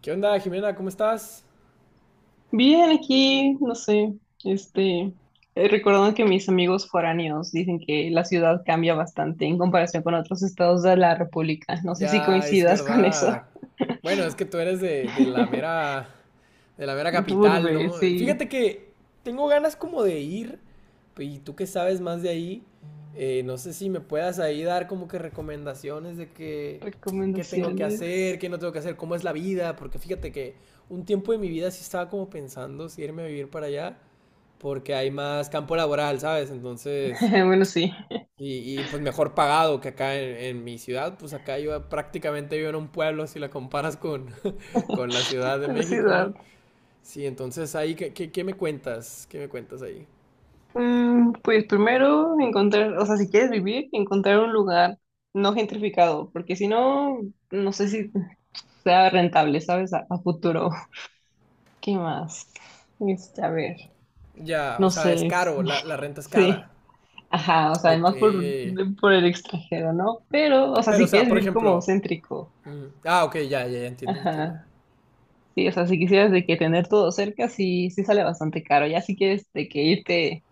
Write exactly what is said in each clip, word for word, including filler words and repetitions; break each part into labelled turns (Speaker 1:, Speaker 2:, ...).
Speaker 1: ¿Qué onda, Jimena? ¿Cómo estás?
Speaker 2: Bien, aquí, no sé, este, eh, recordando que mis amigos foráneos dicen que la ciudad cambia bastante en comparación con otros estados de la República. No sé si
Speaker 1: Ya es
Speaker 2: coincidas con eso.
Speaker 1: verdad. Bueno, es que tú eres de, de la mera, de la mera capital,
Speaker 2: Urbe,
Speaker 1: ¿no?
Speaker 2: sí.
Speaker 1: Fíjate que tengo ganas como de ir, y tú que sabes más de ahí, eh, no sé si me puedas ahí dar como que recomendaciones de que, qué tengo que
Speaker 2: Recomendaciones.
Speaker 1: hacer, qué no tengo que hacer, cómo es la vida, porque fíjate que un tiempo de mi vida sí estaba como pensando si irme a vivir para allá, porque hay más campo laboral, ¿sabes? Entonces...
Speaker 2: Bueno, sí.
Speaker 1: Y, y, pues mejor pagado que acá en, en, mi ciudad, pues acá yo prácticamente vivo en un pueblo si la comparas con, con la Ciudad de
Speaker 2: Con la
Speaker 1: México,
Speaker 2: ciudad.
Speaker 1: ¿no? Sí, entonces ahí, ¿qué, qué, qué me cuentas? ¿Qué me cuentas ahí?
Speaker 2: Mm, pues primero encontrar, o sea, si quieres vivir, encontrar un lugar no gentrificado, porque si no, no sé si sea rentable, ¿sabes? A, a futuro. ¿Qué más? Este, a ver,
Speaker 1: Ya, o
Speaker 2: no
Speaker 1: sea, es
Speaker 2: sé, es-
Speaker 1: caro, la, la renta es cara.
Speaker 2: sí, ajá, o sea,
Speaker 1: Ok.
Speaker 2: además por, por el extranjero, ¿no? Pero, o sea,
Speaker 1: Pero, o
Speaker 2: si
Speaker 1: sea,
Speaker 2: quieres
Speaker 1: por
Speaker 2: vivir como
Speaker 1: ejemplo.
Speaker 2: céntrico,
Speaker 1: Mm, ah, ok, ya, ya, ya entiendo, entiendo.
Speaker 2: ajá, sí, o sea, si quisieras de que tener todo cerca, sí, sí sale bastante caro, ya si quieres de que irte,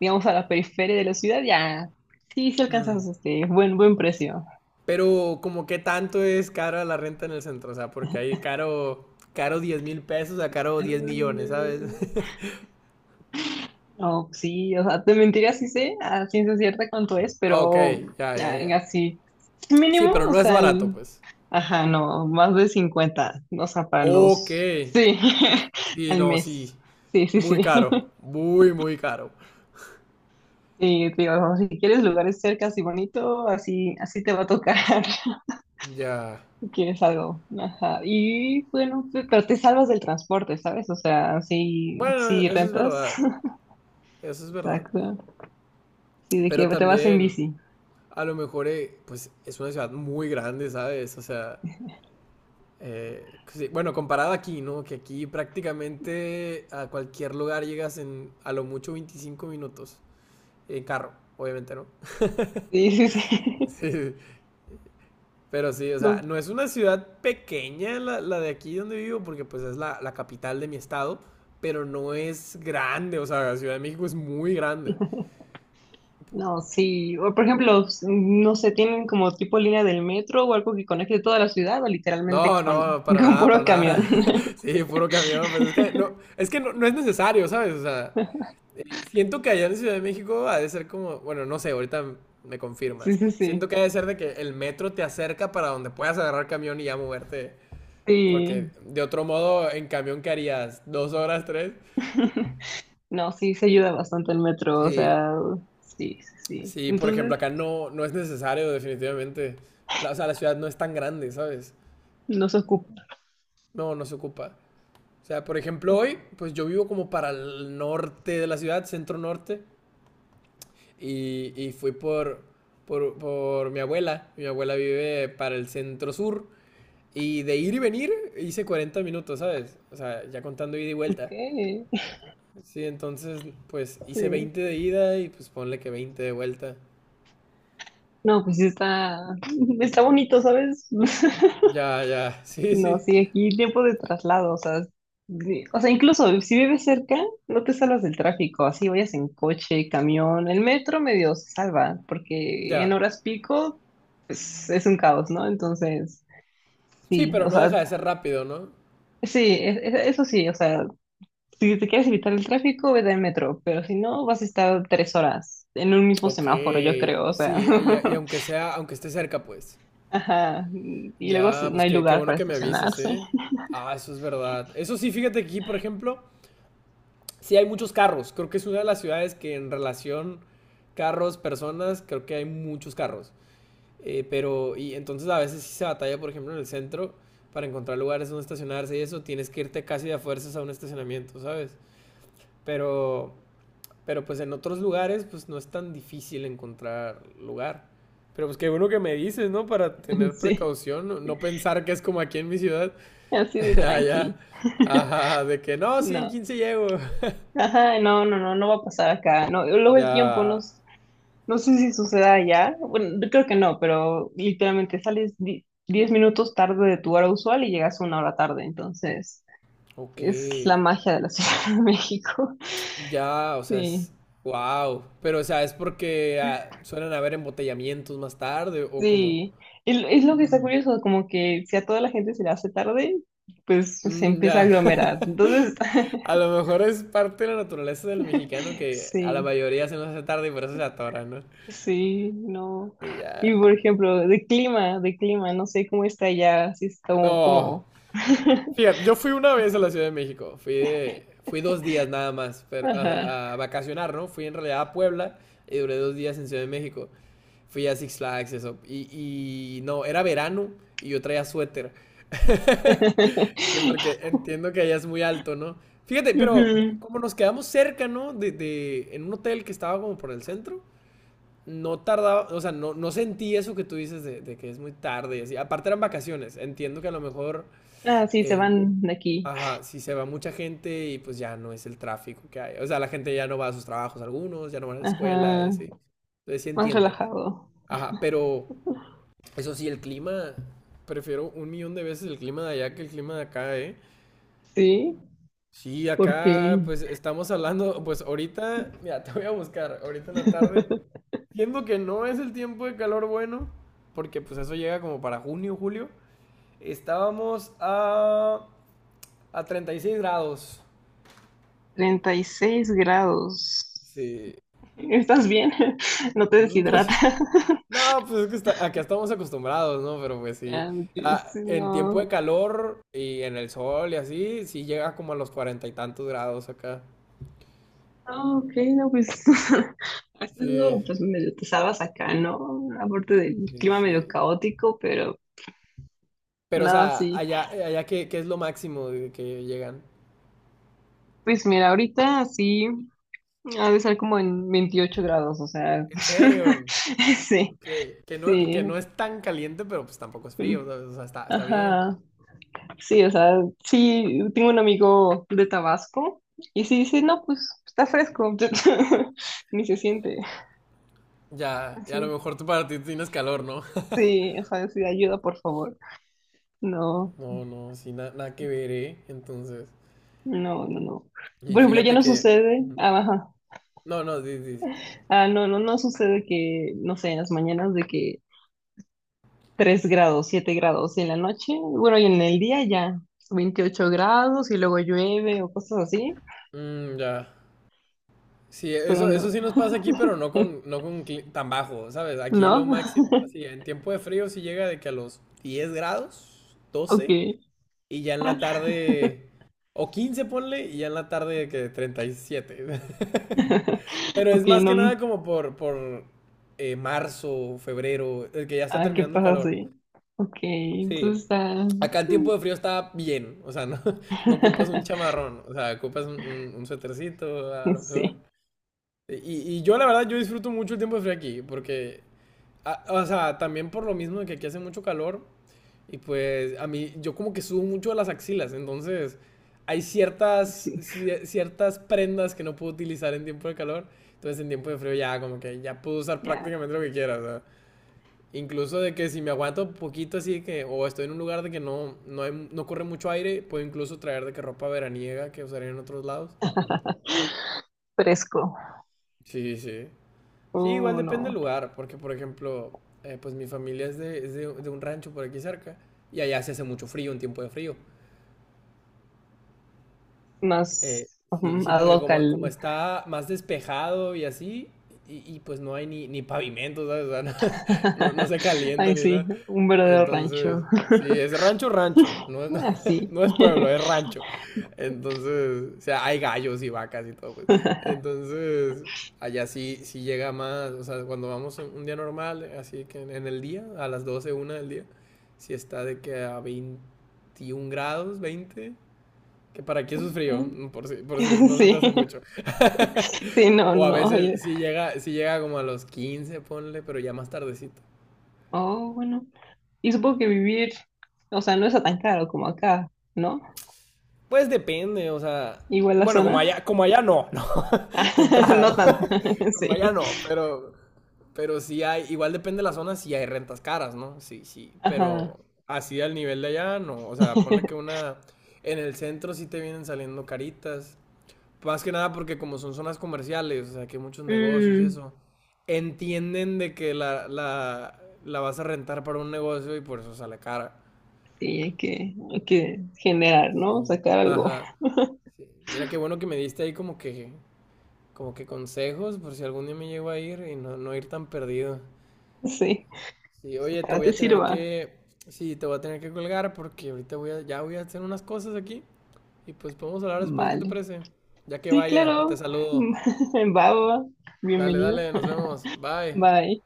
Speaker 2: digamos, a la periferia de la ciudad, ya, sí, sí
Speaker 1: Mm.
Speaker 2: alcanzas este buen, buen precio.
Speaker 1: Pero como qué tanto es cara la renta en el centro, o sea, porque ahí caro, caro diez mil pesos a caro diez millones, ¿sabes?
Speaker 2: No, sí, o sea, te mentiría si sé a ciencia cierta cuánto es,
Speaker 1: Ok,
Speaker 2: pero
Speaker 1: ya, ya,
Speaker 2: ah,
Speaker 1: ya.
Speaker 2: así,
Speaker 1: Sí,
Speaker 2: mínimo,
Speaker 1: pero
Speaker 2: o
Speaker 1: no es
Speaker 2: sea,
Speaker 1: barato,
Speaker 2: el-
Speaker 1: pues.
Speaker 2: ajá, no, más de cincuenta o sea, para
Speaker 1: Ok.
Speaker 2: los, sí,
Speaker 1: Sí,
Speaker 2: al
Speaker 1: no,
Speaker 2: mes,
Speaker 1: sí.
Speaker 2: sí, sí,
Speaker 1: Muy
Speaker 2: sí,
Speaker 1: caro. Muy, muy caro.
Speaker 2: sí, te digo, si quieres lugares cercas y bonito, así, así te va a tocar,
Speaker 1: Ya.
Speaker 2: quieres algo, ajá, y bueno, pe- pero te salvas del transporte, ¿sabes? O sea, si,
Speaker 1: Bueno,
Speaker 2: si
Speaker 1: eso es
Speaker 2: rentas,
Speaker 1: verdad. Eso es verdad.
Speaker 2: exacto, sí, de
Speaker 1: Pero
Speaker 2: que te vas en
Speaker 1: también,
Speaker 2: bici,
Speaker 1: a lo mejor, eh, pues es una ciudad muy grande, ¿sabes? O sea, eh, sí, bueno, comparada aquí, ¿no? Que aquí prácticamente a cualquier lugar llegas en a lo mucho 25 minutos. En carro, obviamente, ¿no?
Speaker 2: sí, sí, sí.
Speaker 1: Sí. Pero sí, o sea,
Speaker 2: no
Speaker 1: no es una ciudad pequeña la, la de aquí donde vivo, porque pues es la, la capital de mi estado, pero no es grande, o sea, la Ciudad de México es muy grande.
Speaker 2: No, sí. O, por ejemplo, s- no sé, tienen como tipo línea del metro o algo que conecte toda la ciudad o literalmente
Speaker 1: No,
Speaker 2: con,
Speaker 1: no, para
Speaker 2: con
Speaker 1: nada, para
Speaker 2: puro camión.
Speaker 1: nada. Sí, puro camión, pues es que no, es que no, no es necesario, ¿sabes? O sea, eh, siento que allá en Ciudad de México ha de ser como, bueno, no sé, ahorita me
Speaker 2: Sí,
Speaker 1: confirmas.
Speaker 2: sí, sí.
Speaker 1: Siento que ha de ser de que el metro te acerca para donde puedas agarrar camión y ya moverte,
Speaker 2: Sí.
Speaker 1: porque de otro modo en camión que harías dos horas, tres.
Speaker 2: No, sí, se ayuda bastante el metro, o
Speaker 1: Sí,
Speaker 2: sea, sí, sí, sí.
Speaker 1: sí, por ejemplo,
Speaker 2: Entonces,
Speaker 1: acá no, no es necesario, definitivamente. La, o sea, la ciudad no es tan grande, ¿sabes?
Speaker 2: nos ocupa.
Speaker 1: No, no se ocupa. O sea, por ejemplo, hoy, pues yo vivo como para el norte de la ciudad, centro norte, y, y fui por, por, por mi abuela. Mi abuela vive para el centro sur, y de ir y venir hice cuarenta minutos, ¿sabes? O sea, ya contando ida y
Speaker 2: Ok,
Speaker 1: vuelta. Sí, entonces, pues hice
Speaker 2: sí.
Speaker 1: veinte de ida y pues ponle que veinte de vuelta.
Speaker 2: No, pues sí está, está bonito, ¿sabes?
Speaker 1: Ya, ya, sí,
Speaker 2: No,
Speaker 1: sí,
Speaker 2: sí, aquí tiempo de traslado, o sea, de- o sea, incluso si vives cerca, no te salvas del tráfico, así vayas en coche, camión, el metro medio se salva, porque en
Speaker 1: ya.
Speaker 2: horas pico, pues es un caos, ¿no? Entonces,
Speaker 1: Sí,
Speaker 2: sí,
Speaker 1: pero
Speaker 2: o
Speaker 1: no
Speaker 2: sea,
Speaker 1: deja de ser rápido, ¿no?
Speaker 2: sí, e- e- eso sí, o sea, si te quieres evitar el tráfico, vete en metro, pero si no, vas a estar tres horas en un mismo
Speaker 1: Ok,
Speaker 2: semáforo, yo creo, o sea,
Speaker 1: sí, y, y aunque sea, aunque esté cerca, pues.
Speaker 2: ajá, y luego
Speaker 1: Ya,
Speaker 2: si- no
Speaker 1: pues
Speaker 2: hay
Speaker 1: qué, qué
Speaker 2: lugar
Speaker 1: bueno
Speaker 2: para
Speaker 1: que me avisas,
Speaker 2: estacionarse,
Speaker 1: ¿eh? Ah, eso es verdad. Eso sí, fíjate que aquí, por ejemplo, sí hay muchos carros. Creo que es una de las ciudades que en relación carros, personas, creo que hay muchos carros. Eh, pero, y entonces a veces sí se batalla, por ejemplo, en el centro, para encontrar lugares donde estacionarse y eso, tienes que irte casi de a fuerzas a un estacionamiento, ¿sabes? Pero, Pero pues en otros lugares pues no es tan difícil encontrar lugar. Pero pues qué bueno que me dices, ¿no? Para tener
Speaker 2: sí,
Speaker 1: precaución, no, no pensar que es como aquí en mi ciudad,
Speaker 2: así de
Speaker 1: allá,
Speaker 2: tranqui.
Speaker 1: ajá, de que no, sí, en
Speaker 2: No,
Speaker 1: quince llego.
Speaker 2: ajá, no, no, no, no va a pasar acá. No, luego el tiempo
Speaker 1: Ya,
Speaker 2: no, s- no sé si suceda allá. Bueno, yo creo que no, pero literalmente sales di- diez minutos tarde de tu hora usual y llegas una hora tarde. Entonces,
Speaker 1: ok,
Speaker 2: es la magia de la Ciudad de México.
Speaker 1: ya, o sea,
Speaker 2: Sí,
Speaker 1: es, wow, pero o sea, es porque ah, suelen haber embotellamientos más tarde o como.
Speaker 2: sí. Es, es lo que está curioso, como que si a toda la gente se le hace tarde, pues se
Speaker 1: Mm,
Speaker 2: empieza a
Speaker 1: ya.
Speaker 2: aglomerar. Entonces,
Speaker 1: A lo mejor es parte de la naturaleza del mexicano que a la
Speaker 2: sí.
Speaker 1: mayoría se nos hace tarde y por eso se atora, ¿no?
Speaker 2: Sí, no.
Speaker 1: Y
Speaker 2: Y
Speaker 1: ya.
Speaker 2: por ejemplo, de clima, de clima, no sé cómo está allá, si está como...
Speaker 1: No.
Speaker 2: como-
Speaker 1: Fíjate, yo fui una vez a la Ciudad de México. Fui de- fui dos días nada más, pero
Speaker 2: Ajá.
Speaker 1: a, a vacacionar, ¿no? Fui en realidad a Puebla y duré dos días en Ciudad de México. Fui a Six Flags, eso. Y, y no, era verano y yo traía suéter. Sí, porque entiendo que allá es muy alto, ¿no? Fíjate, pero
Speaker 2: Ujú.
Speaker 1: como nos quedamos cerca, ¿no? De, de- en un hotel que estaba como por el centro, no tardaba, o sea, no, no sentí eso que tú dices de, de que es muy tarde y así. Aparte eran vacaciones, entiendo que a lo mejor,
Speaker 2: Ah, sí, se
Speaker 1: eh,
Speaker 2: van de aquí.
Speaker 1: ajá, si se va mucha gente y pues ya no es el tráfico que hay. O sea, la gente ya no va a sus trabajos algunos, ya no van a la escuela y
Speaker 2: Ajá,
Speaker 1: así. Entonces sí
Speaker 2: más
Speaker 1: entiendo.
Speaker 2: relajado.
Speaker 1: Ajá, pero eso sí, el clima, prefiero un millón de veces el clima de allá que el clima de acá, ¿eh?
Speaker 2: Sí,
Speaker 1: Sí, acá
Speaker 2: porque
Speaker 1: pues estamos hablando, pues ahorita, mira, te voy a buscar, ahorita en la tarde, siendo que no es el tiempo de calor bueno, porque pues eso llega como para junio, julio, estábamos a, a treinta y seis grados.
Speaker 2: treinta y seis grados.
Speaker 1: Sí,
Speaker 2: ¿Estás bien? No te
Speaker 1: mm, pues
Speaker 2: deshidrata.
Speaker 1: no, pues es que está- acá estamos acostumbrados, ¿no? Pero pues sí.
Speaker 2: Ya, porque
Speaker 1: Ah,
Speaker 2: sí,
Speaker 1: en tiempo de
Speaker 2: no.
Speaker 1: calor y en el sol y así, sí llega como a los cuarenta y tantos grados acá.
Speaker 2: Ah, ok, no, pues has
Speaker 1: Sí,
Speaker 2: estado pues medio te salvas acá, ¿no? Aparte del
Speaker 1: sí,
Speaker 2: clima medio
Speaker 1: sí.
Speaker 2: caótico, pero
Speaker 1: Pero, o
Speaker 2: nada,
Speaker 1: sea,
Speaker 2: así.
Speaker 1: allá, allá, ¿qué, qué es lo máximo de que llegan?
Speaker 2: Pues mira, ahorita sí ha de estar como en veintiocho grados, o sea,
Speaker 1: ¿En serio?
Speaker 2: sí,
Speaker 1: Ok. Que no, que
Speaker 2: sí.
Speaker 1: no es tan caliente, pero pues tampoco es frío, ¿sabes? O sea, está, está bien.
Speaker 2: Ajá, sí, o sea, sí, tengo un amigo de Tabasco y sí dice, no, pues está fresco, ni se siente
Speaker 1: Ya, ya a lo
Speaker 2: así.
Speaker 1: mejor tú para ti tienes calor, ¿no?
Speaker 2: Sí, o sea, sí, ayuda, por favor. No.
Speaker 1: No, no, sí, na- nada que ver, ¿eh? Entonces.
Speaker 2: No, no, no.
Speaker 1: Y
Speaker 2: Por ejemplo, ya
Speaker 1: fíjate
Speaker 2: no
Speaker 1: que.
Speaker 2: sucede. Ah, ajá.
Speaker 1: No, no, sí, sí.
Speaker 2: Ah, no, no, no sucede que, no sé, en las mañanas de que tres grados, siete grados y en la noche. Bueno, y en el día ya veintiocho grados y luego llueve o cosas así.
Speaker 1: Mm, ya. Sí,
Speaker 2: Pero
Speaker 1: eso, eso
Speaker 2: no.
Speaker 1: sí nos pasa aquí, pero no con, no con cli- tan bajo, ¿sabes? Aquí lo
Speaker 2: ¿No?
Speaker 1: máximo, así, en tiempo de frío sí llega de que a los diez grados,
Speaker 2: Ok.
Speaker 1: doce y ya en la tarde, o quince ponle, y ya en la tarde de que treinta y siete. Pero es
Speaker 2: Ok,
Speaker 1: más
Speaker 2: no.
Speaker 1: que nada como por, por eh, marzo, febrero, el que ya está
Speaker 2: Ah, ¿qué
Speaker 1: terminando el
Speaker 2: pasa
Speaker 1: calor.
Speaker 2: así? Ok,
Speaker 1: Sí,
Speaker 2: entonces está.
Speaker 1: acá en tiempo de frío está bien, o sea, no, no ocupas un chamarrón, o sea, ocupas un, un, un suétercito a lo mejor.
Speaker 2: Sí,
Speaker 1: Y, y yo la verdad, yo disfruto mucho el tiempo de frío aquí, porque, a- o sea, también por lo mismo de que aquí hace mucho calor, y pues a mí, yo como que subo mucho de las axilas, entonces hay ciertas,
Speaker 2: sí.
Speaker 1: cie- ciertas prendas que no puedo utilizar en tiempo de calor, entonces en tiempo de frío ya como que ya puedo usar
Speaker 2: Ya.
Speaker 1: prácticamente lo que quiera, o sea, incluso de que si me aguanto poquito así que, o estoy en un lugar de que no, no, hay- no corre mucho aire, puedo incluso traer de que ropa veraniega que usaría en otros lados.
Speaker 2: Fresco.
Speaker 1: Sí, sí. Sí, igual
Speaker 2: Oh,
Speaker 1: depende del
Speaker 2: no.
Speaker 1: lugar, porque por ejemplo, eh, pues mi familia es, de, es de, de un rancho por aquí cerca y allá se hace mucho frío, un tiempo de frío.
Speaker 2: Más
Speaker 1: Eh, sí,
Speaker 2: ujú,
Speaker 1: sí,
Speaker 2: ad
Speaker 1: porque
Speaker 2: hoc
Speaker 1: como, como
Speaker 2: al,
Speaker 1: está más despejado y así, y, y, pues no hay ni, ni pavimento, ¿sabes? O sea, no, no, no se calienta
Speaker 2: Ay,
Speaker 1: ni nada.
Speaker 2: sí, un verdadero rancho.
Speaker 1: Entonces, sí, es rancho, rancho. No es,
Speaker 2: Así.
Speaker 1: no es pueblo, es rancho. Entonces, o sea, hay gallos y vacas y todo, pues. Entonces, allá sí, sí llega más. O sea, cuando vamos en un día normal, así que en, en el día, a las doce, una del día, sí está de que a veintiún grados, veinte. Que para aquí eso es frío, mm, por si, por si no se te
Speaker 2: Sí,
Speaker 1: hace mucho.
Speaker 2: sí, no,
Speaker 1: O a
Speaker 2: no. Oye.
Speaker 1: veces sí llega, sí llega como a los quince, ponle, pero ya más tardecito.
Speaker 2: Oh, bueno. Y supongo que vivir, o sea, no es tan caro como acá, ¿no?
Speaker 1: Pues depende, o sea.
Speaker 2: Igual la
Speaker 1: Bueno, como allá,
Speaker 2: zona.
Speaker 1: como allá no, ¿no? De entrada,
Speaker 2: No
Speaker 1: ¿no?
Speaker 2: tanto,
Speaker 1: Como allá
Speaker 2: sí.
Speaker 1: no, pero. Pero sí hay. Igual depende de la zona si hay rentas caras, ¿no? Sí, sí. Pero
Speaker 2: Ajá.
Speaker 1: así al nivel de allá, no. O sea, ponle que una. En el centro sí te vienen saliendo caritas. Más que nada porque como son zonas comerciales, o sea, que hay muchos negocios y
Speaker 2: Mm,
Speaker 1: eso. Entienden de que la, la, la vas a rentar para un negocio y por eso sale cara.
Speaker 2: sí, hay que, hay que
Speaker 1: Ah,
Speaker 2: generar, ¿no?
Speaker 1: sí.
Speaker 2: Sacar algo.
Speaker 1: Ajá. Sí. Mira qué bueno que me diste ahí como que, como que consejos por si algún día me llego a ir y no, no ir tan perdido.
Speaker 2: Sí.
Speaker 1: Sí, oye, te
Speaker 2: Ojalá
Speaker 1: voy
Speaker 2: te
Speaker 1: a tener
Speaker 2: sirva.
Speaker 1: que, sí, te voy a tener que colgar porque ahorita voy a, ya voy a hacer unas cosas aquí y pues podemos hablar después, ¿qué te
Speaker 2: Vale.
Speaker 1: parece? Ya que
Speaker 2: Sí,
Speaker 1: vaya, te
Speaker 2: claro.
Speaker 1: saludo.
Speaker 2: Va, va, va.
Speaker 1: Dale,
Speaker 2: Bienvenido.
Speaker 1: dale, nos vemos. Bye.
Speaker 2: Bye.